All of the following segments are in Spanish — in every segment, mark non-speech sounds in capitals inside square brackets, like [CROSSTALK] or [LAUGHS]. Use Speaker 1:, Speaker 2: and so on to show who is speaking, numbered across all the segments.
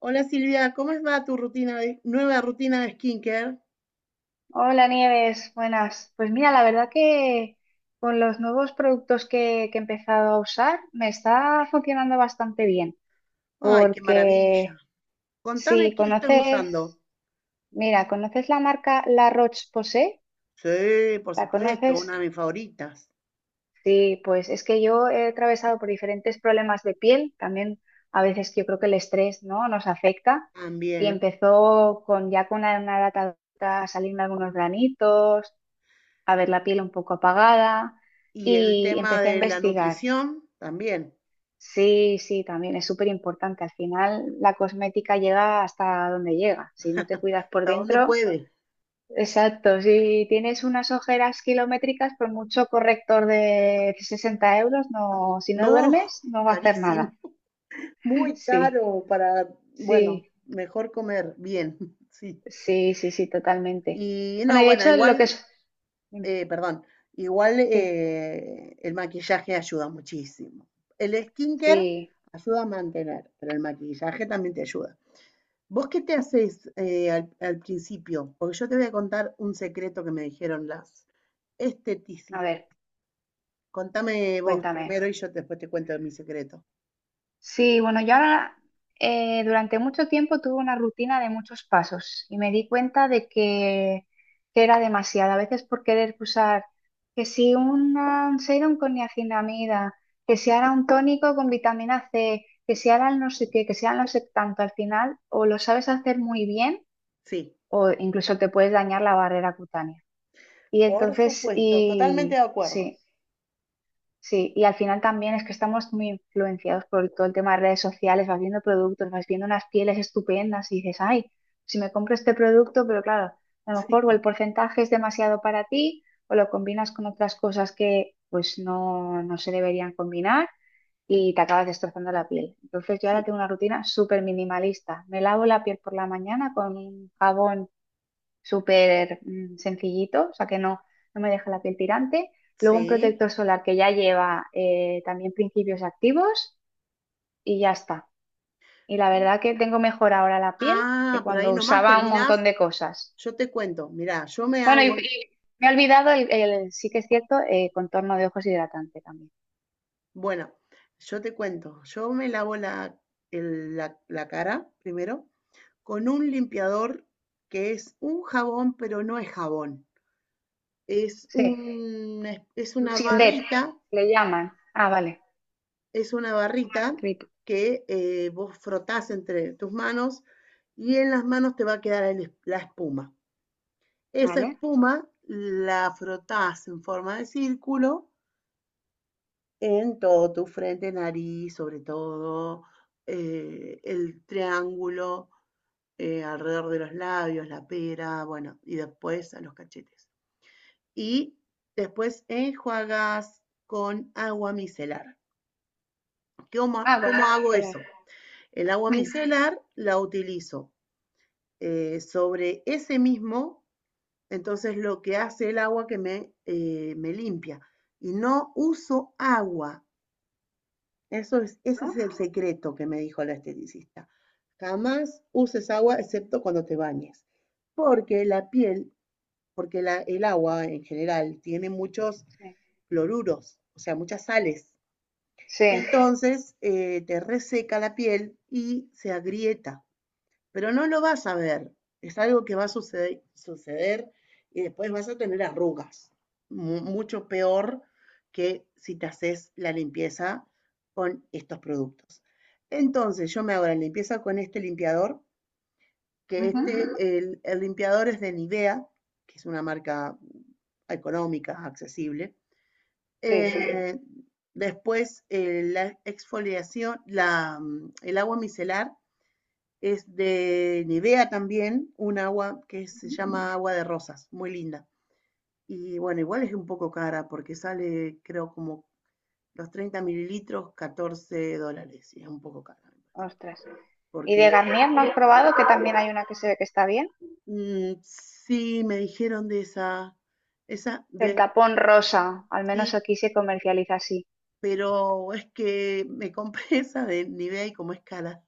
Speaker 1: Hola Silvia, ¿cómo va tu rutina nueva rutina de skincare?
Speaker 2: Hola Nieves, buenas. Pues mira, la verdad que con los nuevos productos que he empezado a usar me está funcionando bastante bien,
Speaker 1: Ay, qué maravilla.
Speaker 2: porque
Speaker 1: Contame
Speaker 2: si
Speaker 1: qué estás usando.
Speaker 2: conoces, mira, ¿conoces la marca La Roche-Posay?
Speaker 1: Sí, por
Speaker 2: ¿La
Speaker 1: supuesto, una
Speaker 2: conoces?
Speaker 1: de mis favoritas
Speaker 2: Sí, pues es que yo he atravesado por diferentes problemas de piel, también a veces yo creo que el estrés, ¿no?, nos afecta y
Speaker 1: también.
Speaker 2: empezó con ya con una edad adulta a salirme algunos granitos, a ver la piel un poco apagada
Speaker 1: Y el
Speaker 2: y
Speaker 1: tema
Speaker 2: empecé a
Speaker 1: de la
Speaker 2: investigar.
Speaker 1: nutrición también.
Speaker 2: Sí, sí, también es súper importante. Al final la cosmética llega hasta donde llega. Si no te cuidas por
Speaker 1: ¿Hasta dónde
Speaker 2: dentro,
Speaker 1: puede?
Speaker 2: exacto. Si tienes unas ojeras kilométricas, por mucho corrector de 60 euros, no, si no
Speaker 1: No,
Speaker 2: duermes, no va a hacer
Speaker 1: carísimo.
Speaker 2: nada.
Speaker 1: [LAUGHS] Muy
Speaker 2: Sí,
Speaker 1: caro bueno,
Speaker 2: sí,
Speaker 1: mejor comer bien, [LAUGHS] sí.
Speaker 2: sí, sí, sí, totalmente.
Speaker 1: Y
Speaker 2: Bueno,
Speaker 1: no,
Speaker 2: y de
Speaker 1: bueno,
Speaker 2: hecho lo que
Speaker 1: igual.
Speaker 2: es... Dime,
Speaker 1: Perdón, igual
Speaker 2: sí,
Speaker 1: el maquillaje ayuda muchísimo. El skincare
Speaker 2: sí,
Speaker 1: ayuda a mantener, pero el maquillaje también te ayuda. ¿Vos qué te haces al principio? Porque yo te voy a contar un secreto que me dijeron las
Speaker 2: a
Speaker 1: esteticistas.
Speaker 2: ver,
Speaker 1: Contame vos
Speaker 2: cuéntame.
Speaker 1: primero y yo después te cuento mi secreto.
Speaker 2: Sí, bueno, yo ahora durante mucho tiempo tuve una rutina de muchos pasos y me di cuenta de que era demasiado. A veces por querer usar que si una- un serum con niacinamida, que si ahora un tónico con vitamina C, que si ahora el no sé qué, que si ahora no sé tanto, al final o lo sabes hacer muy bien
Speaker 1: Sí,
Speaker 2: o incluso te puedes dañar la barrera cutánea. Y
Speaker 1: por
Speaker 2: entonces,
Speaker 1: supuesto, totalmente de
Speaker 2: y
Speaker 1: acuerdo.
Speaker 2: sí. Sí, y al final también es que estamos muy influenciados por todo el tema de redes sociales, vas viendo productos, vas viendo unas pieles estupendas y dices, ay, si me compro este producto, pero claro, a lo mejor o el
Speaker 1: Sí,
Speaker 2: porcentaje es demasiado para ti o lo combinas con otras cosas que pues no se deberían combinar y te acabas destrozando la piel. Entonces yo ahora
Speaker 1: sí,
Speaker 2: tengo una rutina súper minimalista. Me lavo la piel por la mañana con un jabón súper sencillito, o sea que no me deja la piel tirante. Luego un
Speaker 1: sí.
Speaker 2: protector solar que ya lleva también principios activos y ya está. Y la
Speaker 1: Y,
Speaker 2: verdad que tengo mejor ahora la piel que
Speaker 1: ah, pero ahí
Speaker 2: cuando
Speaker 1: nomás
Speaker 2: usaba un
Speaker 1: terminás.
Speaker 2: montón de cosas.
Speaker 1: Yo te cuento, mirá, yo me
Speaker 2: Bueno, y,
Speaker 1: hago.
Speaker 2: y me he olvidado, sí que es cierto, contorno de ojos hidratante también.
Speaker 1: Bueno, yo te cuento, yo me lavo la, la cara primero con un limpiador que es un jabón, pero no es jabón. Es
Speaker 2: Sí,
Speaker 1: un, es una
Speaker 2: Sindet,
Speaker 1: barrita,
Speaker 2: le llaman. Ah, vale,
Speaker 1: es una barrita
Speaker 2: Ritu,
Speaker 1: que vos frotás entre tus manos y en las manos te va a quedar la espuma. Esa
Speaker 2: vale.
Speaker 1: espuma la frotás en forma de círculo. En todo, tu frente, nariz, sobre todo, el triángulo alrededor de los labios, la pera, bueno, y después a los cachetes. Y después enjuagas con agua micelar. ¿Cómo,
Speaker 2: Ah, con
Speaker 1: cómo
Speaker 2: agua
Speaker 1: hago
Speaker 2: micelar.
Speaker 1: eso? El agua
Speaker 2: Mm,
Speaker 1: micelar la utilizo sobre ese mismo, entonces lo que hace el agua que me, me limpia. Y no uso agua. Ese es
Speaker 2: ¿no?
Speaker 1: el secreto que me dijo la esteticista. Jamás uses agua excepto cuando te bañes, porque la piel, porque el agua en general tiene muchos
Speaker 2: Sí.
Speaker 1: cloruros, o sea, muchas sales.
Speaker 2: Sí.
Speaker 1: [LAUGHS] Entonces, te reseca la piel y se agrieta, pero no lo vas a ver. Es algo que va a suceder, suceder, y después vas a tener arrugas, mucho peor que si te haces la limpieza con estos productos. Entonces, yo me hago la limpieza con este limpiador, que
Speaker 2: Ujú.
Speaker 1: este, el limpiador es de Nivea, que es una marca económica, accesible.
Speaker 2: Sí.
Speaker 1: Eh, Después, la exfoliación, la, el agua micelar es de Nivea también, un agua que se
Speaker 2: Ujú.
Speaker 1: llama agua de rosas, muy linda. Y bueno, igual es un poco cara porque sale, creo, como los 30 mililitros, $14. Y es un poco cara, me parece.
Speaker 2: Ostras. Y de
Speaker 1: Porque
Speaker 2: Garnier, ¿no has probado que también hay una que se ve que está bien?
Speaker 1: sí, me dijeron de esa
Speaker 2: El
Speaker 1: de
Speaker 2: tapón rosa, al menos
Speaker 1: sí,
Speaker 2: aquí se comercializa así.
Speaker 1: pero es que me compré [LAUGHS] esa de Nivea y como es cara,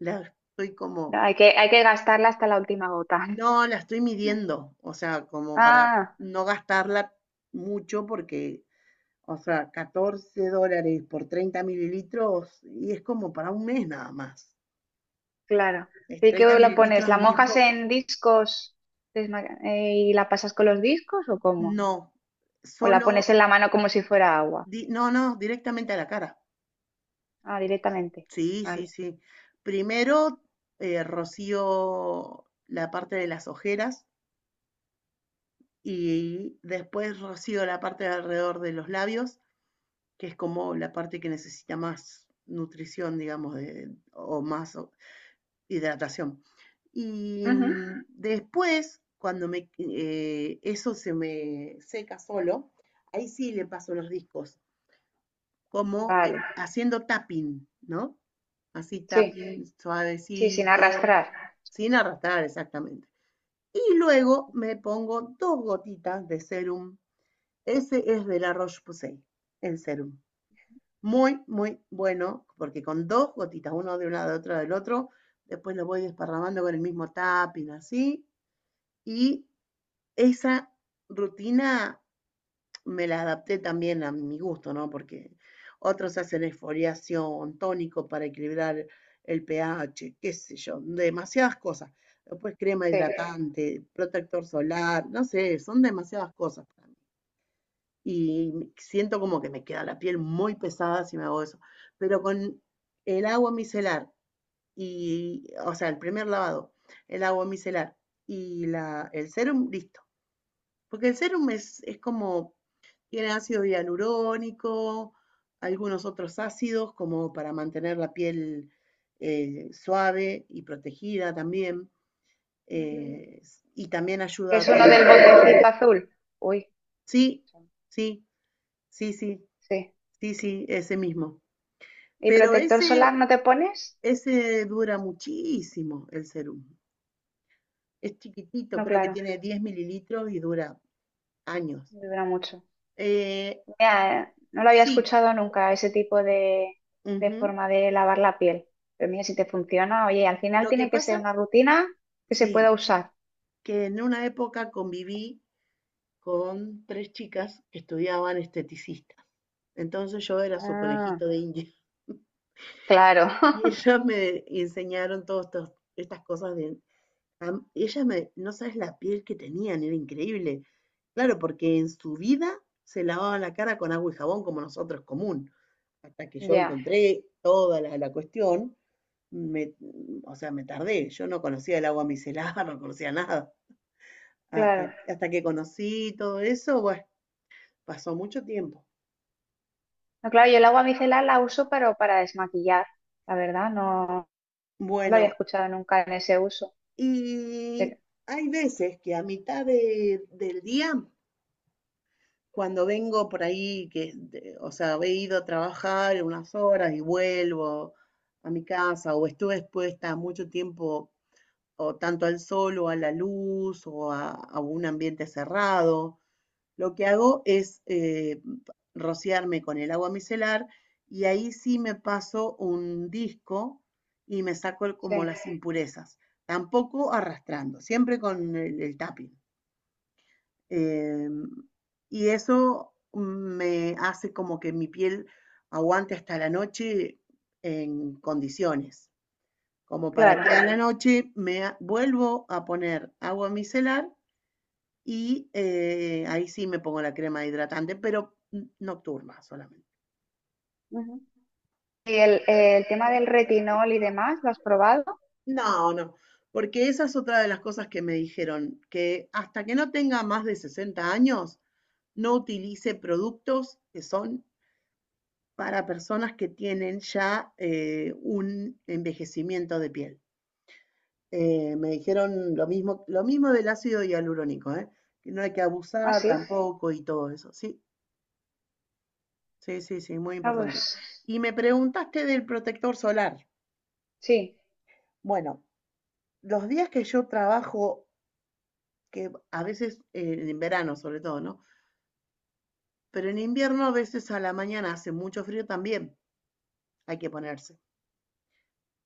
Speaker 1: la estoy
Speaker 2: No,
Speaker 1: como,
Speaker 2: hay que gastarla hasta la última gota. [LAUGHS]
Speaker 1: no, la estoy midiendo, o sea, como para
Speaker 2: Ah,
Speaker 1: no gastarla mucho porque. O sea, $14 por 30 mililitros y es como para un mes nada más.
Speaker 2: claro.
Speaker 1: Es
Speaker 2: ¿Y qué
Speaker 1: 30
Speaker 2: lo pones?
Speaker 1: mililitros,
Speaker 2: ¿La
Speaker 1: es muy
Speaker 2: mojas
Speaker 1: poco.
Speaker 2: en discos desma- y la pasas con los discos o cómo?
Speaker 1: No,
Speaker 2: ¿O la
Speaker 1: solo,
Speaker 2: pones en la mano como si fuera agua?
Speaker 1: no, directamente a la cara.
Speaker 2: Ah, directamente.
Speaker 1: Sí, sí,
Speaker 2: Vale.
Speaker 1: sí. Primero rocío la parte de las ojeras y después rocío la parte de alrededor de los labios, que es como la parte que necesita más nutrición, digamos, o más hidratación. Y
Speaker 2: Ujú.
Speaker 1: después, cuando me, eso se me seca solo, ahí sí le paso los discos, como
Speaker 2: Vale.
Speaker 1: haciendo tapping, ¿no? Así
Speaker 2: Sí,
Speaker 1: tapping sí,
Speaker 2: sí, sin
Speaker 1: suavecito,
Speaker 2: arrastrar.
Speaker 1: sin arrastrar exactamente. Y luego me pongo dos gotitas de serum. Ese es de la Roche-Posay, el serum. Muy, muy bueno, porque con dos gotitas, uno de un lado, otro del otro, después lo voy desparramando con el mismo tapping, así. Y esa rutina me la adapté también a mi gusto, ¿no? Porque otros hacen esfoliación, tónico para equilibrar el pH, qué sé yo, demasiadas cosas. Después crema. Sí.
Speaker 2: Sí.
Speaker 1: Hidratante, protector solar, no sé, son demasiadas cosas. Para y siento como que me queda la piel muy pesada si me hago eso. Pero con el agua micelar y, o sea, el primer lavado, el agua micelar y la, el serum, listo. Porque el serum es como, tiene ácido hialurónico, algunos otros ácidos como para mantener la piel suave y protegida también.
Speaker 2: Ujú.
Speaker 1: eh, y también ayuda
Speaker 2: Es
Speaker 1: con...
Speaker 2: uno del botecito azul. Uy,
Speaker 1: Sí, sí, sí, sí,
Speaker 2: sí.
Speaker 1: sí, sí, ese mismo.
Speaker 2: ¿Y
Speaker 1: Pero
Speaker 2: protector
Speaker 1: ese,
Speaker 2: solar no te pones?
Speaker 1: ese dura muchísimo, el serum. Es chiquitito,
Speaker 2: No,
Speaker 1: creo que
Speaker 2: claro,
Speaker 1: tiene 10 mililitros y dura años.
Speaker 2: dura mucho.
Speaker 1: Eh,
Speaker 2: Mira, no lo había
Speaker 1: sí,
Speaker 2: escuchado nunca, ese tipo de
Speaker 1: ujú.
Speaker 2: forma de lavar la piel. Pero mira, si te funciona, oye, al final
Speaker 1: Lo que
Speaker 2: tiene que
Speaker 1: pasa,
Speaker 2: ser una rutina que se pueda
Speaker 1: sí,
Speaker 2: usar.
Speaker 1: que en una época conviví con tres chicas que estudiaban esteticistas. Entonces yo era su
Speaker 2: Ah,
Speaker 1: conejito de India. [LAUGHS]
Speaker 2: claro,
Speaker 1: Y ellas me enseñaron todas estas cosas de. Ella me, no sabes la piel que tenían, era increíble. Claro, porque en su vida se lavaban la cara con agua y jabón como nosotros común. Hasta que
Speaker 2: [LAUGHS]
Speaker 1: yo
Speaker 2: ya,
Speaker 1: encontré toda la cuestión, me, o sea, me tardé. Yo no conocía el agua micelar, [LAUGHS] no conocía nada. Hasta,
Speaker 2: claro.
Speaker 1: hasta que conocí todo eso, bueno, pasó mucho tiempo.
Speaker 2: No, claro, yo el agua micelar la uso, pero para desmaquillar, la verdad, no lo había
Speaker 1: Bueno,
Speaker 2: escuchado nunca en ese uso. Pero,
Speaker 1: y hay veces que a mitad del día, cuando vengo por ahí, que, o sea, he ido a trabajar unas horas y vuelvo a mi casa, o estuve expuesta mucho tiempo, o tanto al sol, o a la luz, o a un ambiente cerrado, lo que hago es rociarme con el agua micelar y ahí sí me paso un disco y me saco como
Speaker 2: sí,
Speaker 1: las impurezas, tampoco arrastrando, siempre con el tapping. Eh, y eso me hace como que mi piel aguante hasta la noche en condiciones, como para que
Speaker 2: claro.
Speaker 1: a la noche me vuelvo a poner agua micelar y ahí sí me pongo la crema hidratante, pero nocturna solamente.
Speaker 2: Ujú. ¿Y el tema del retinol y demás, lo has probado?
Speaker 1: No, no, porque esa es otra de las cosas que me dijeron, que hasta que no tenga más de 60 años, no utilice productos que son para personas que tienen ya un envejecimiento de piel. Me dijeron lo mismo del ácido hialurónico, ¿eh? Que no hay que
Speaker 2: Ah,
Speaker 1: abusar
Speaker 2: sí.
Speaker 1: tampoco y todo eso. Sí, sí, sí, sí, muy
Speaker 2: Ah,
Speaker 1: importante.
Speaker 2: pues
Speaker 1: Y me preguntaste del protector solar.
Speaker 2: sí.
Speaker 1: Bueno, los días que yo trabajo, que a veces en verano sobre todo, ¿no? Pero en invierno a veces a la mañana hace mucho frío también, hay que ponerse,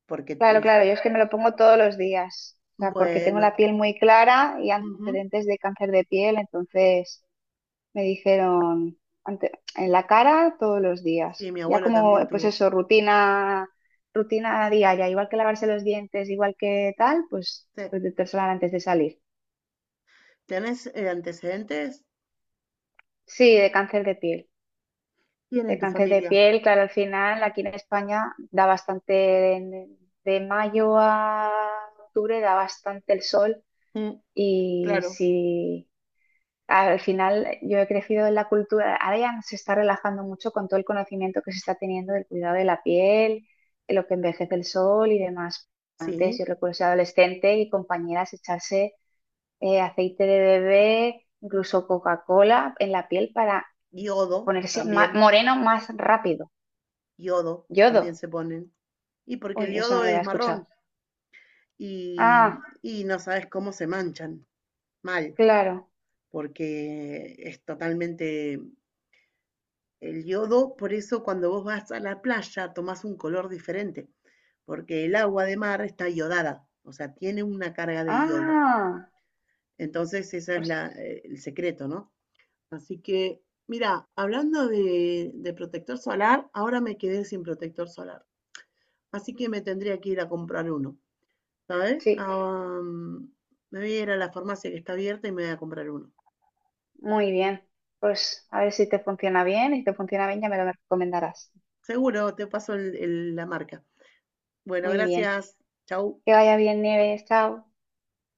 Speaker 1: porque
Speaker 2: Claro, claro, yo es que me lo pongo todos los días, o sea, porque tengo
Speaker 1: bueno,
Speaker 2: la piel muy clara y
Speaker 1: ujú,
Speaker 2: antecedentes de cáncer de piel, entonces me dijeron ante- en la cara todos los
Speaker 1: sí,
Speaker 2: días,
Speaker 1: mi
Speaker 2: ya
Speaker 1: abuelo
Speaker 2: como
Speaker 1: también
Speaker 2: pues
Speaker 1: tuvo.
Speaker 2: eso, rutina, rutina diaria, igual que lavarse los dientes, igual que tal, pues
Speaker 1: Sí.
Speaker 2: protector solar antes de salir.
Speaker 1: ¿Tienes antecedentes?
Speaker 2: Sí, de cáncer de piel,
Speaker 1: Tienen
Speaker 2: de
Speaker 1: tu
Speaker 2: cáncer de
Speaker 1: familia.
Speaker 2: piel, claro, al final aquí en España da bastante, de mayo a octubre da bastante el sol.
Speaker 1: Mm,
Speaker 2: Y
Speaker 1: claro,
Speaker 2: si al final yo he crecido en la cultura, ahora ya no se está relajando mucho con todo el conocimiento que se está teniendo del cuidado de la piel, de lo que envejece el sol y demás. Pues
Speaker 1: sí.
Speaker 2: yo recuerdo ser adolescente y compañeras echarse aceite de bebé, incluso Coca-Cola en la piel para
Speaker 1: Yodo
Speaker 2: ponerse
Speaker 1: también.
Speaker 2: moreno más rápido.
Speaker 1: Yodo también
Speaker 2: Yodo.
Speaker 1: se ponen. Y porque el
Speaker 2: Uy, eso no
Speaker 1: yodo
Speaker 2: lo había
Speaker 1: es
Speaker 2: escuchado.
Speaker 1: marrón y,
Speaker 2: Ah,
Speaker 1: y no sabes cómo se manchan. Mal,
Speaker 2: claro.
Speaker 1: porque es totalmente el yodo. Por eso cuando vos vas a la playa tomás un color diferente, porque el agua de mar está iodada, o sea, tiene una carga de yodo.
Speaker 2: Ah,
Speaker 1: Entonces, ese es
Speaker 2: pues
Speaker 1: el secreto, ¿no? Así que, mira, hablando de protector solar, ahora me quedé sin protector solar. Así que me tendría que ir a comprar uno, ¿sabes?
Speaker 2: sí,
Speaker 1: Ah, me voy a ir a la farmacia que está abierta y me voy a comprar uno.
Speaker 2: muy bien. Pues a ver si te funciona bien y si te funciona bien ya me lo recomendarás.
Speaker 1: Seguro, te paso la marca. Bueno,
Speaker 2: Muy bien.
Speaker 1: gracias. Chau.
Speaker 2: Que vaya bien, Nieves. Chao.